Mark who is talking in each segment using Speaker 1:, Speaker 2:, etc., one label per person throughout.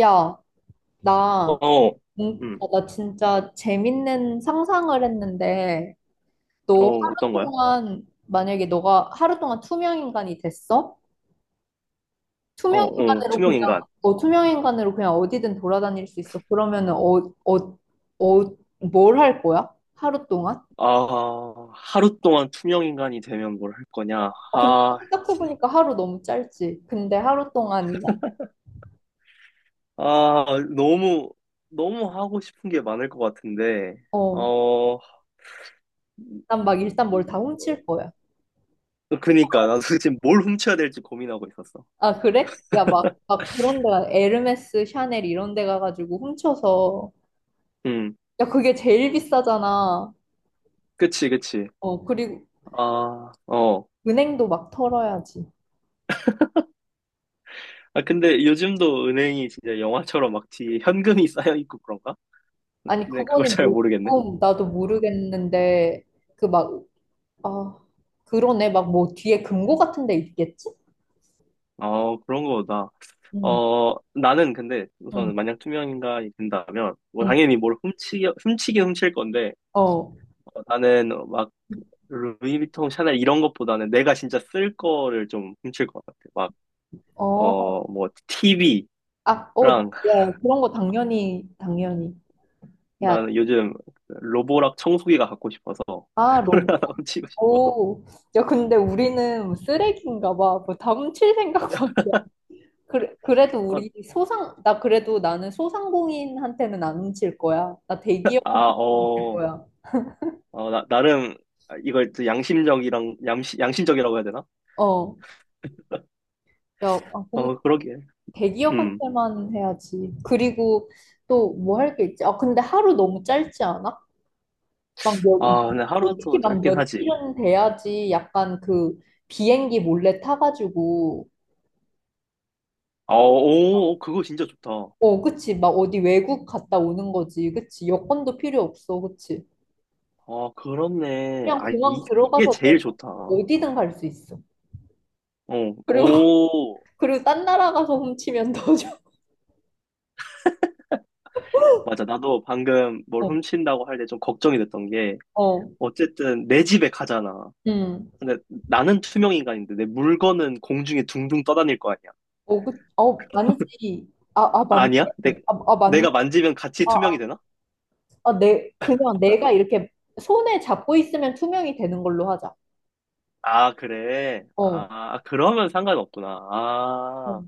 Speaker 1: 야, 나,
Speaker 2: 어, 음,
Speaker 1: 나 진짜 재밌는 상상을 했는데.
Speaker 2: 어, 어떤 거야?
Speaker 1: 만약에 너가 하루 동안 투명인간이 됐어?
Speaker 2: 어, 어, 투명인간.
Speaker 1: 투명인간으로 그냥 어디든 돌아다닐 수 있어. 그러면은, 뭘 할 거야? 하루 동안?
Speaker 2: 아, 하루 동안 투명인간이 되면 뭘 할 거냐?
Speaker 1: 아, 근데 생각해보니까 하루 너무 짧지. 근데 하루 동안,
Speaker 2: 아, 너무, 너무 하고 싶은 게 많을 것 같은데,
Speaker 1: 어,
Speaker 2: 어,
Speaker 1: 난 막 일단 뭘
Speaker 2: 이-
Speaker 1: 다 훔칠 거야.
Speaker 2: 어, 그니까, 나도 지금 뭘 훔쳐야 될지 고민하고 있었어.
Speaker 1: 아, 그래? 야, 막 그런 데가, 에르메스, 샤넬 이런 데 가가지고 훔쳐서.
Speaker 2: 음,
Speaker 1: 야, 그게 제일 비싸잖아.
Speaker 2: 그치, 그치.
Speaker 1: 어, 그리고
Speaker 2: 아, 어.
Speaker 1: 은행도 막 털어야지.
Speaker 2: 아, 근데 요즘도 은행이 진짜 영화처럼 막 뒤에 현금이 쌓여 있고 그런가?
Speaker 1: 아니,
Speaker 2: 근데 그걸
Speaker 1: 그거는
Speaker 2: 잘
Speaker 1: 뭐,
Speaker 2: 모르겠네.
Speaker 1: 그건 나도 모르겠는데. 그 막, 아, 그러네. 막 뭐 뒤에 금고 같은 데 있겠지?
Speaker 2: 어, 그런 거다.
Speaker 1: 응,
Speaker 2: 어, 나는 근데
Speaker 1: 응,
Speaker 2: 우선 만약 투명 인간이 된다면, 뭐
Speaker 1: 응.
Speaker 2: 당연히 뭘 훔치긴 훔칠 건데,
Speaker 1: 어,
Speaker 2: 어, 나는 막 루이비통, 샤넬 이런 것보다는 내가 진짜 쓸 거를 좀 훔칠 것 같아. 막,
Speaker 1: 어,
Speaker 2: 어, 뭐 TV랑
Speaker 1: 아, 어, 야, 그런 거 당연히 해야지.
Speaker 2: 나는 요즘 로보락 청소기가 갖고 싶어서
Speaker 1: 아,
Speaker 2: 그걸 하나 훔치고 싶어.
Speaker 1: 오. 야, 근데 우리는 쓰레기인가 봐. 뭐 다훔칠 생각만. 그래, 그래도
Speaker 2: 어,
Speaker 1: 우리 소상, 나 그래도 나는 소상공인한테는 안 훔칠 거야. 나
Speaker 2: 아,
Speaker 1: 대기업한테 줄
Speaker 2: 어,
Speaker 1: 거야.
Speaker 2: 어, 나름 이걸 또 양심적이랑, 양심적이라고 해야 되나?
Speaker 1: 어, 야, 아, 근
Speaker 2: 어, 그러게. 음.
Speaker 1: 대기업한테만 해야지. 그리고 또 뭐 할 게 있지? 아, 근데 하루 너무 짧지 않아? 막 몇,
Speaker 2: 아, 근데
Speaker 1: 솔직히
Speaker 2: 하루도
Speaker 1: 막
Speaker 2: 짧긴 하지.
Speaker 1: 며칠은 돼야지 약간 그 비행기 몰래 타가지고.
Speaker 2: 아, 오, 오, 그거 진짜 좋다.
Speaker 1: 어, 그치. 막 어디 외국 갔다 오는 거지. 그치. 여권도 필요 없어. 그치.
Speaker 2: 아, 그렇네.
Speaker 1: 그냥
Speaker 2: 아,
Speaker 1: 공항
Speaker 2: 이게
Speaker 1: 들어가서
Speaker 2: 제일
Speaker 1: 내가
Speaker 2: 좋다. 어,
Speaker 1: 어디든 갈 수 있어. 그리고
Speaker 2: 오.
Speaker 1: 그리고 딴 나라 가서 훔치면 더 좋아.
Speaker 2: 맞아. 나도 방금 뭘
Speaker 1: 어,
Speaker 2: 훔친다고 할 때 좀 걱정이 됐던 게,
Speaker 1: 어,
Speaker 2: 어쨌든 내 집에 가잖아.
Speaker 1: 음.
Speaker 2: 근데 나는 투명 인간인데 내 물건은 공중에 둥둥 떠다닐 거 아니야.
Speaker 1: 어, 아니지. 아, 아, 맞네.
Speaker 2: 아니야?
Speaker 1: 아, 아, 맞네.
Speaker 2: 내가 만지면 같이 투명이
Speaker 1: 아,
Speaker 2: 되나?
Speaker 1: 아, 그냥 내가 이렇게 손에 잡고 있으면 투명이 되는 걸로 하자.
Speaker 2: 아, 그래.
Speaker 1: 어,
Speaker 2: 아, 그러면 상관없구나. 아.
Speaker 1: 어,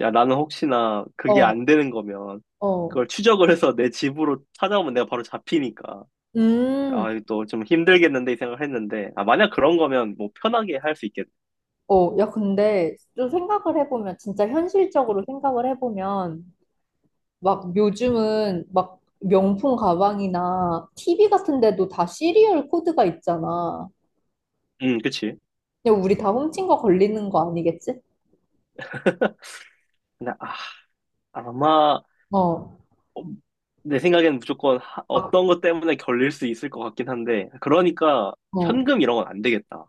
Speaker 2: 야, 나는 혹시나 그게
Speaker 1: 어,
Speaker 2: 안 되는 거면
Speaker 1: 어.
Speaker 2: 그걸 추적을 해서 내 집으로 찾아오면 내가 바로 잡히니까.
Speaker 1: 음,
Speaker 2: 아, 이거 또좀 힘들겠는데 이 생각을 했는데. 아, 만약 그런 거면 뭐 편하게 할 수 있겠네.
Speaker 1: 어, 야, 근데 좀 생각을 해보면, 진짜 현실적으로 생각을 해보면, 막 요즘은 막 명품 가방이나 TV 같은 데도 다 시리얼 코드가 있잖아.
Speaker 2: 그치.
Speaker 1: 근데 우리 다 훔친 거 걸리는 거 아니겠지?
Speaker 2: 근데 아, 아마
Speaker 1: 어,
Speaker 2: 어, 내 생각에는 무조건
Speaker 1: 막,
Speaker 2: 어떤 것 때문에 걸릴 수 있을 것 같긴 한데. 그러니까
Speaker 1: 어.
Speaker 2: 현금 이런 건 안 되겠다.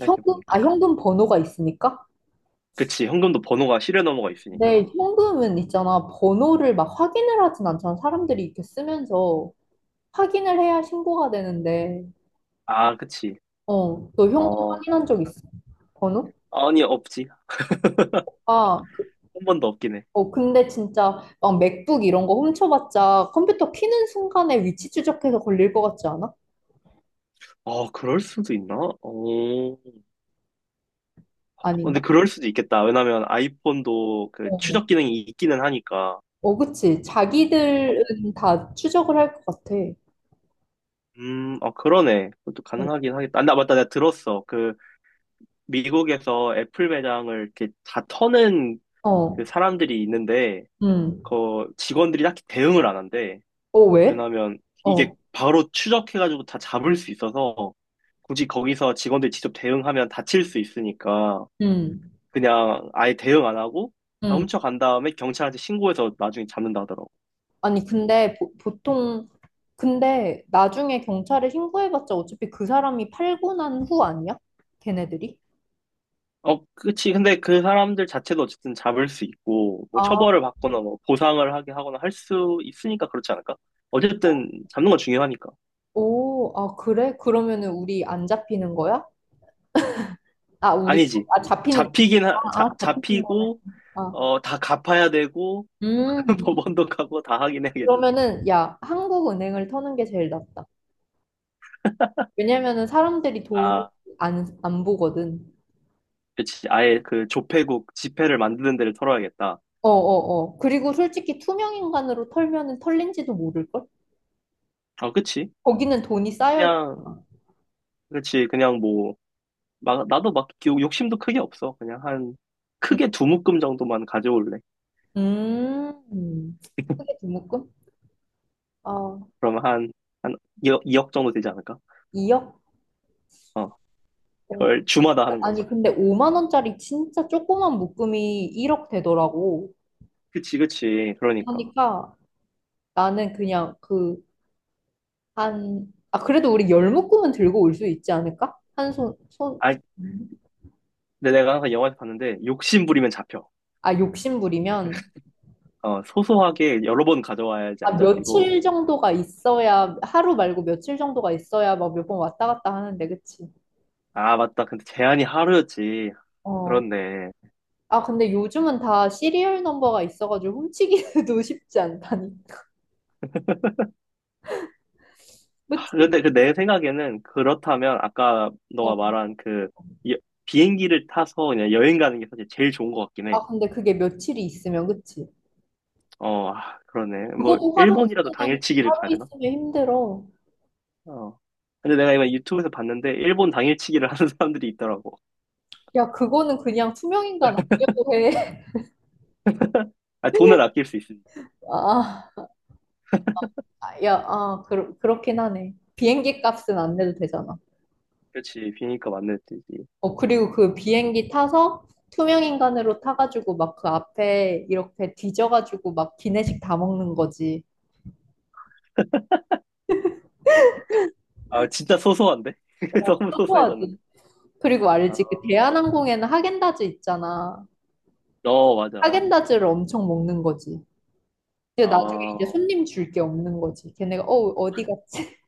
Speaker 1: 현금, 아, 현금 번호가 있으니까?
Speaker 2: 그치. 현금도 번호가 시리얼 넘버가 있으니까.
Speaker 1: 근데 현금은 있잖아. 번호를 막 확인을 하진 않잖아. 사람들이 이렇게 쓰면서 확인을 해야 신고가 되는데.
Speaker 2: 아, 그치.
Speaker 1: 어, 너 현금
Speaker 2: 어,
Speaker 1: 확인한 적 있어? 번호?
Speaker 2: 아니, 없지.
Speaker 1: 아,
Speaker 2: 한 번도 없긴 해.
Speaker 1: 근데 진짜 막 맥북 이런 거 훔쳐봤자 컴퓨터 키는 순간에 위치 추적해서 걸릴 것 같지 않아?
Speaker 2: 아, 그럴 수도 있나? 어, 어, 근데
Speaker 1: 아닌가?
Speaker 2: 그럴 수도 있겠다. 왜냐면 아이폰도 그
Speaker 1: 어,
Speaker 2: 추적 기능이 있기는 하니까.
Speaker 1: 어, 그치.
Speaker 2: 어,
Speaker 1: 자기들은 다 추적을 할 것 같아.
Speaker 2: 어, 그러네. 그것도
Speaker 1: 어,
Speaker 2: 가능하긴 하겠다. 아, 나 맞다. 내가 들었어. 그 미국에서 애플 매장을 이렇게 다 터는 그
Speaker 1: 어,
Speaker 2: 사람들이 있는데
Speaker 1: 음.
Speaker 2: 그 직원들이 딱히 대응을 안 한대.
Speaker 1: 어, 왜?
Speaker 2: 왜냐면 이게
Speaker 1: 어,
Speaker 2: 바로 추적해가지고 다 잡을 수 있어서 굳이 거기서 직원들이 직접 대응하면 다칠 수 있으니까
Speaker 1: 음.
Speaker 2: 그냥 아예 대응 안 하고 다
Speaker 1: 응.
Speaker 2: 훔쳐간 다음에 경찰한테 신고해서 나중에 잡는다 하더라고.
Speaker 1: 아니, 근데 보통, 근데 나중에 경찰에 신고해봤자 어차피 그 사람이 팔고 난 후 아니야? 걔네들이?
Speaker 2: 어, 그치. 근데 그 사람들 자체도 어쨌든 잡을 수 있고, 뭐
Speaker 1: 아,
Speaker 2: 처벌을 받거나 뭐 보상을 하게 하거나 할 수 있으니까 그렇지 않을까? 어쨌든 잡는 건 중요하니까.
Speaker 1: 오, 아, 그래? 그러면은 우리 안 잡히는 거야? 아, 우리,
Speaker 2: 아니지.
Speaker 1: 아, 잡히는, 아, 아, 잡히는 거네.
Speaker 2: 잡히고,
Speaker 1: 아,
Speaker 2: 어, 다 갚아야 되고,
Speaker 1: 음,
Speaker 2: 법원도 가고 다 하긴 해야겠지.
Speaker 1: 그러면은, 야, 한국은행을 터는 게 제일 낫다. 왜냐면은 사람들이 돈
Speaker 2: 아,
Speaker 1: 안 보거든.
Speaker 2: 그치. 아예 그 조폐국 지폐를 만드는 데를 털어야겠다.
Speaker 1: 어, 어, 어. 그리고 솔직히 투명인간으로 털면은 털린지도 모를걸?
Speaker 2: 아, 그치.
Speaker 1: 거기는 돈이 쌓여요.
Speaker 2: 그냥, 그치. 그냥 뭐, 막, 나도 막 욕심도 크게 없어. 그냥 한, 크게 두 묶음 정도만 가져올래.
Speaker 1: 음. 크게 두 묶음? 아,
Speaker 2: 그러면 한, 한 이억 정도 되지 않을까?
Speaker 1: 2억?
Speaker 2: 어,
Speaker 1: 어,
Speaker 2: 이걸 주마다 하는 거지.
Speaker 1: 아니, 근데 5만 원짜리 진짜 조그만 묶음이 1억 되더라고.
Speaker 2: 그치, 그치. 그러니까.
Speaker 1: 그러니까 나는 그냥 그래도 우리 열 묶음은 들고 올 수 있지 않을까?
Speaker 2: 아, 근데 내가 항상 영화에서 봤는데, 욕심 부리면 잡혀.
Speaker 1: 아, 욕심부리면.
Speaker 2: 어, 소소하게 여러 번 가져와야지 안
Speaker 1: 아,
Speaker 2: 잡히고.
Speaker 1: 며칠 정도가 있어야, 하루 말고 며칠 정도가 있어야 막 몇 번 왔다 갔다 하는데, 그치?
Speaker 2: 아, 맞다. 근데 제한이 하루였지.
Speaker 1: 어.
Speaker 2: 그렇네.
Speaker 1: 아, 근데 요즘은 다 시리얼 넘버가 있어가지고 훔치기도 쉽지 않다니.
Speaker 2: 하,
Speaker 1: 그치?
Speaker 2: 근데 그 내 생각에는 그렇다면 아까 너가
Speaker 1: 어.
Speaker 2: 말한 그 여- 비행기를 타서 그냥 여행 가는 게 사실 제일 좋은 것 같긴 해.
Speaker 1: 아, 근데 그게 며칠이 있으면, 그치?
Speaker 2: 어, 아, 그러네. 뭐,
Speaker 1: 그것도
Speaker 2: 일본이라도 당일치기를
Speaker 1: 하루
Speaker 2: 가야 되나?
Speaker 1: 있으면 힘들어.
Speaker 2: 어. 근데 내가 이거 유튜브에서 봤는데 일본 당일치기를 하는 사람들이 있더라고.
Speaker 1: 야, 그거는 그냥 투명인간 아니라고 해.
Speaker 2: 아, 돈을 아낄 수 있으니까.
Speaker 1: 아, 아, 야, 아, 그렇긴 하네. 비행기 값은 안 내도 되잖아.
Speaker 2: 그렇지. 비니까 맞는 듯이지
Speaker 1: 어, 그리고 그 비행기 타서 투명인간으로 타가지고 막 그 앞에 이렇게 뒤져가지고 막 기내식 다 먹는 거지.
Speaker 2: 아, 진짜 소소한데?
Speaker 1: 어,
Speaker 2: 너무 소소해졌는데.
Speaker 1: 또또하지. 그리고
Speaker 2: 아,
Speaker 1: 알지? 그 대한항공에는 하겐다즈 있잖아.
Speaker 2: 어, 맞아.
Speaker 1: 하겐다즈를 엄청 먹는 거지. 근데 나중에 이제
Speaker 2: 아,
Speaker 1: 손님 줄 게 없는 거지. 걔네가 어디 갔지?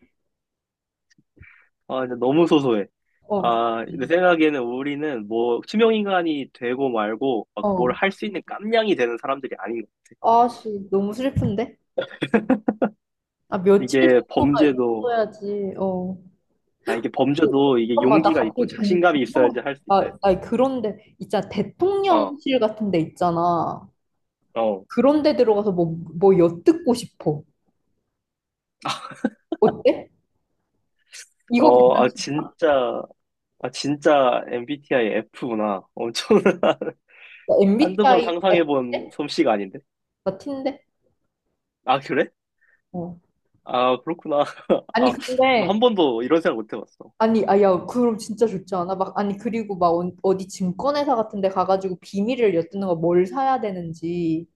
Speaker 2: 아, 이제 너무 소소해.
Speaker 1: 어디
Speaker 2: 아, 내
Speaker 1: 갔지?
Speaker 2: 생각에는 우리는 뭐 투명인간이 되고 말고 막 뭘
Speaker 1: 어.
Speaker 2: 할 수 있는 깜냥이 되는 사람들이 아닌 것 같아.
Speaker 1: 아씨 너무 슬픈데? 아 며칠
Speaker 2: 이게
Speaker 1: 정도가
Speaker 2: 범죄도,
Speaker 1: 있어야지. 어.
Speaker 2: 아, 이게
Speaker 1: 어,
Speaker 2: 범죄도 이게
Speaker 1: 잠깐만 나
Speaker 2: 용기가 있고
Speaker 1: 갑자기
Speaker 2: 자신감이
Speaker 1: 궁금한.
Speaker 2: 있어야지 할 수 있다
Speaker 1: 나,
Speaker 2: 했어.
Speaker 1: 나 그런데 있잖아,
Speaker 2: 어,
Speaker 1: 대통령실 같은 데 있잖아.
Speaker 2: 어.
Speaker 1: 그런 데 들어가서 뭐 엿듣고 싶어. 어때? 이거
Speaker 2: 어, 아,
Speaker 1: 괜찮다.
Speaker 2: 진짜. 아, 진짜 MBTI F구나. 엄청 한두 번
Speaker 1: MBTI
Speaker 2: 상상해본
Speaker 1: 같은데?
Speaker 2: 솜씨가 아닌데?
Speaker 1: 같은데?
Speaker 2: 아, 그래?
Speaker 1: 어.
Speaker 2: 아, 그렇구나.
Speaker 1: 아니
Speaker 2: 아,
Speaker 1: 근데
Speaker 2: 나한 번도 이런 생각 못 해봤어.
Speaker 1: 아니, 아, 야, 그럼 진짜 좋지 않아? 막, 아니, 그리고 막 어디 증권회사 같은 데 가가지고 비밀을 엿듣는 거 뭘 사야 되는지.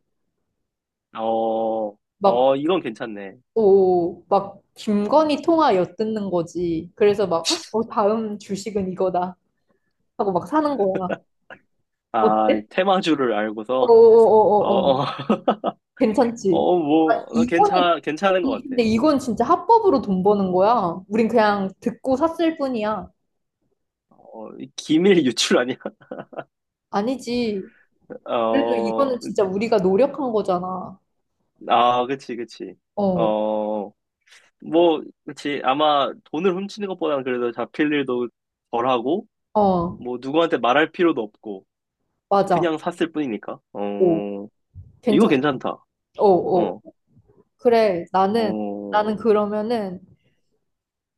Speaker 2: 어,
Speaker 1: 막,
Speaker 2: 어, 이건 괜찮네.
Speaker 1: 오, 막, 김건희 통화 엿듣는 거지. 그래서 막, "헉, 어, 다음 주식은 이거다." 하고 막 사는 거야.
Speaker 2: 아,
Speaker 1: 어때?
Speaker 2: 테마주를 알고서, 어,
Speaker 1: 어어어어어.
Speaker 2: 어,
Speaker 1: 괜찮지?
Speaker 2: 어, 뭐,
Speaker 1: 아,
Speaker 2: 나
Speaker 1: 이거는,
Speaker 2: 괜찮, 괜찮은
Speaker 1: 아니,
Speaker 2: 것
Speaker 1: 근데
Speaker 2: 같아.
Speaker 1: 이건 진짜 합법으로 돈 버는 거야. 우린 그냥 듣고 샀을 뿐이야.
Speaker 2: 어, 이 기밀 유출 아니야?
Speaker 1: 아니지. 그래도
Speaker 2: 어,
Speaker 1: 이거는 진짜 우리가 노력한 거잖아.
Speaker 2: 아, 그치, 그치.
Speaker 1: 어,
Speaker 2: 어, 뭐, 그치. 아마 돈을 훔치는 것보다는 그래도 잡힐 일도 덜하고,
Speaker 1: 어.
Speaker 2: 뭐, 누구한테 말할 필요도 없고, 그치,
Speaker 1: 맞아.
Speaker 2: 그냥 샀을 뿐이니까.
Speaker 1: 오,
Speaker 2: 어, 이거
Speaker 1: 괜찮,
Speaker 2: 괜찮다.
Speaker 1: 어, 어.
Speaker 2: 어,
Speaker 1: 그래, 나는,
Speaker 2: 어,
Speaker 1: 나는 그러면은,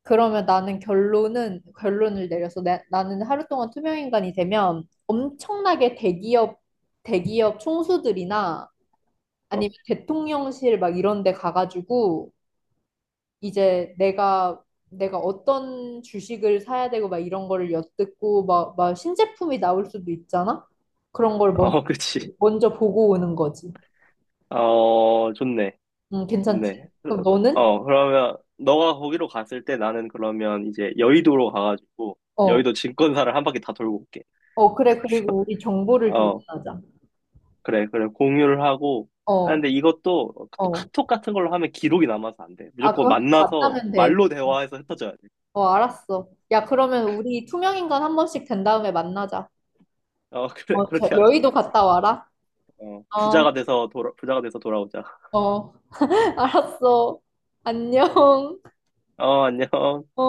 Speaker 1: 그러면 나는 결론은, 결론을 내려서 나는 하루 동안 투명인간이 되면 엄청나게 대기업 총수들이나
Speaker 2: 어, 어,
Speaker 1: 아니면 대통령실 막 이런 데 가가지고 이제 내가 어떤 주식을 사야 되고 막 이런 거를 엿듣고 막 신제품이 나올 수도 있잖아? 그런 걸
Speaker 2: 그치.
Speaker 1: 먼저 보고 오는 거지.
Speaker 2: 어, 좋네.
Speaker 1: 괜찮지.
Speaker 2: 좋네.
Speaker 1: 그럼 너는?
Speaker 2: 어, 그러면, 너가 거기로 갔을 때 나는 그러면 이제 여의도로 가가지고,
Speaker 1: 어,
Speaker 2: 여의도 증권사를 한 바퀴 다 돌고 올게.
Speaker 1: 어, 그래. 그리고 우리 정보를
Speaker 2: 어,
Speaker 1: 교환하자.
Speaker 2: 그래, 그래. 공유를 하고,
Speaker 1: 어,
Speaker 2: 하는데 이것도 또
Speaker 1: 어.
Speaker 2: 카톡 같은 걸로 하면 기록이 남아서 안 돼.
Speaker 1: 아,
Speaker 2: 무조건
Speaker 1: 그거 한번
Speaker 2: 만나서
Speaker 1: 만나면 돼.
Speaker 2: 말로
Speaker 1: 어,
Speaker 2: 대화해서 흩어져야 돼.
Speaker 1: 어, 알았어. 야, 그러면 우리 투명인간 한 번씩 된 다음에 만나자.
Speaker 2: 어, 그래,
Speaker 1: 어, 저
Speaker 2: 그렇게 하자.
Speaker 1: 여의도 갔다 와라.
Speaker 2: 어,
Speaker 1: 어,
Speaker 2: 부자가 돼서 돌아오자.
Speaker 1: 어. 알았어. 안녕.
Speaker 2: 어, 안녕.
Speaker 1: 어.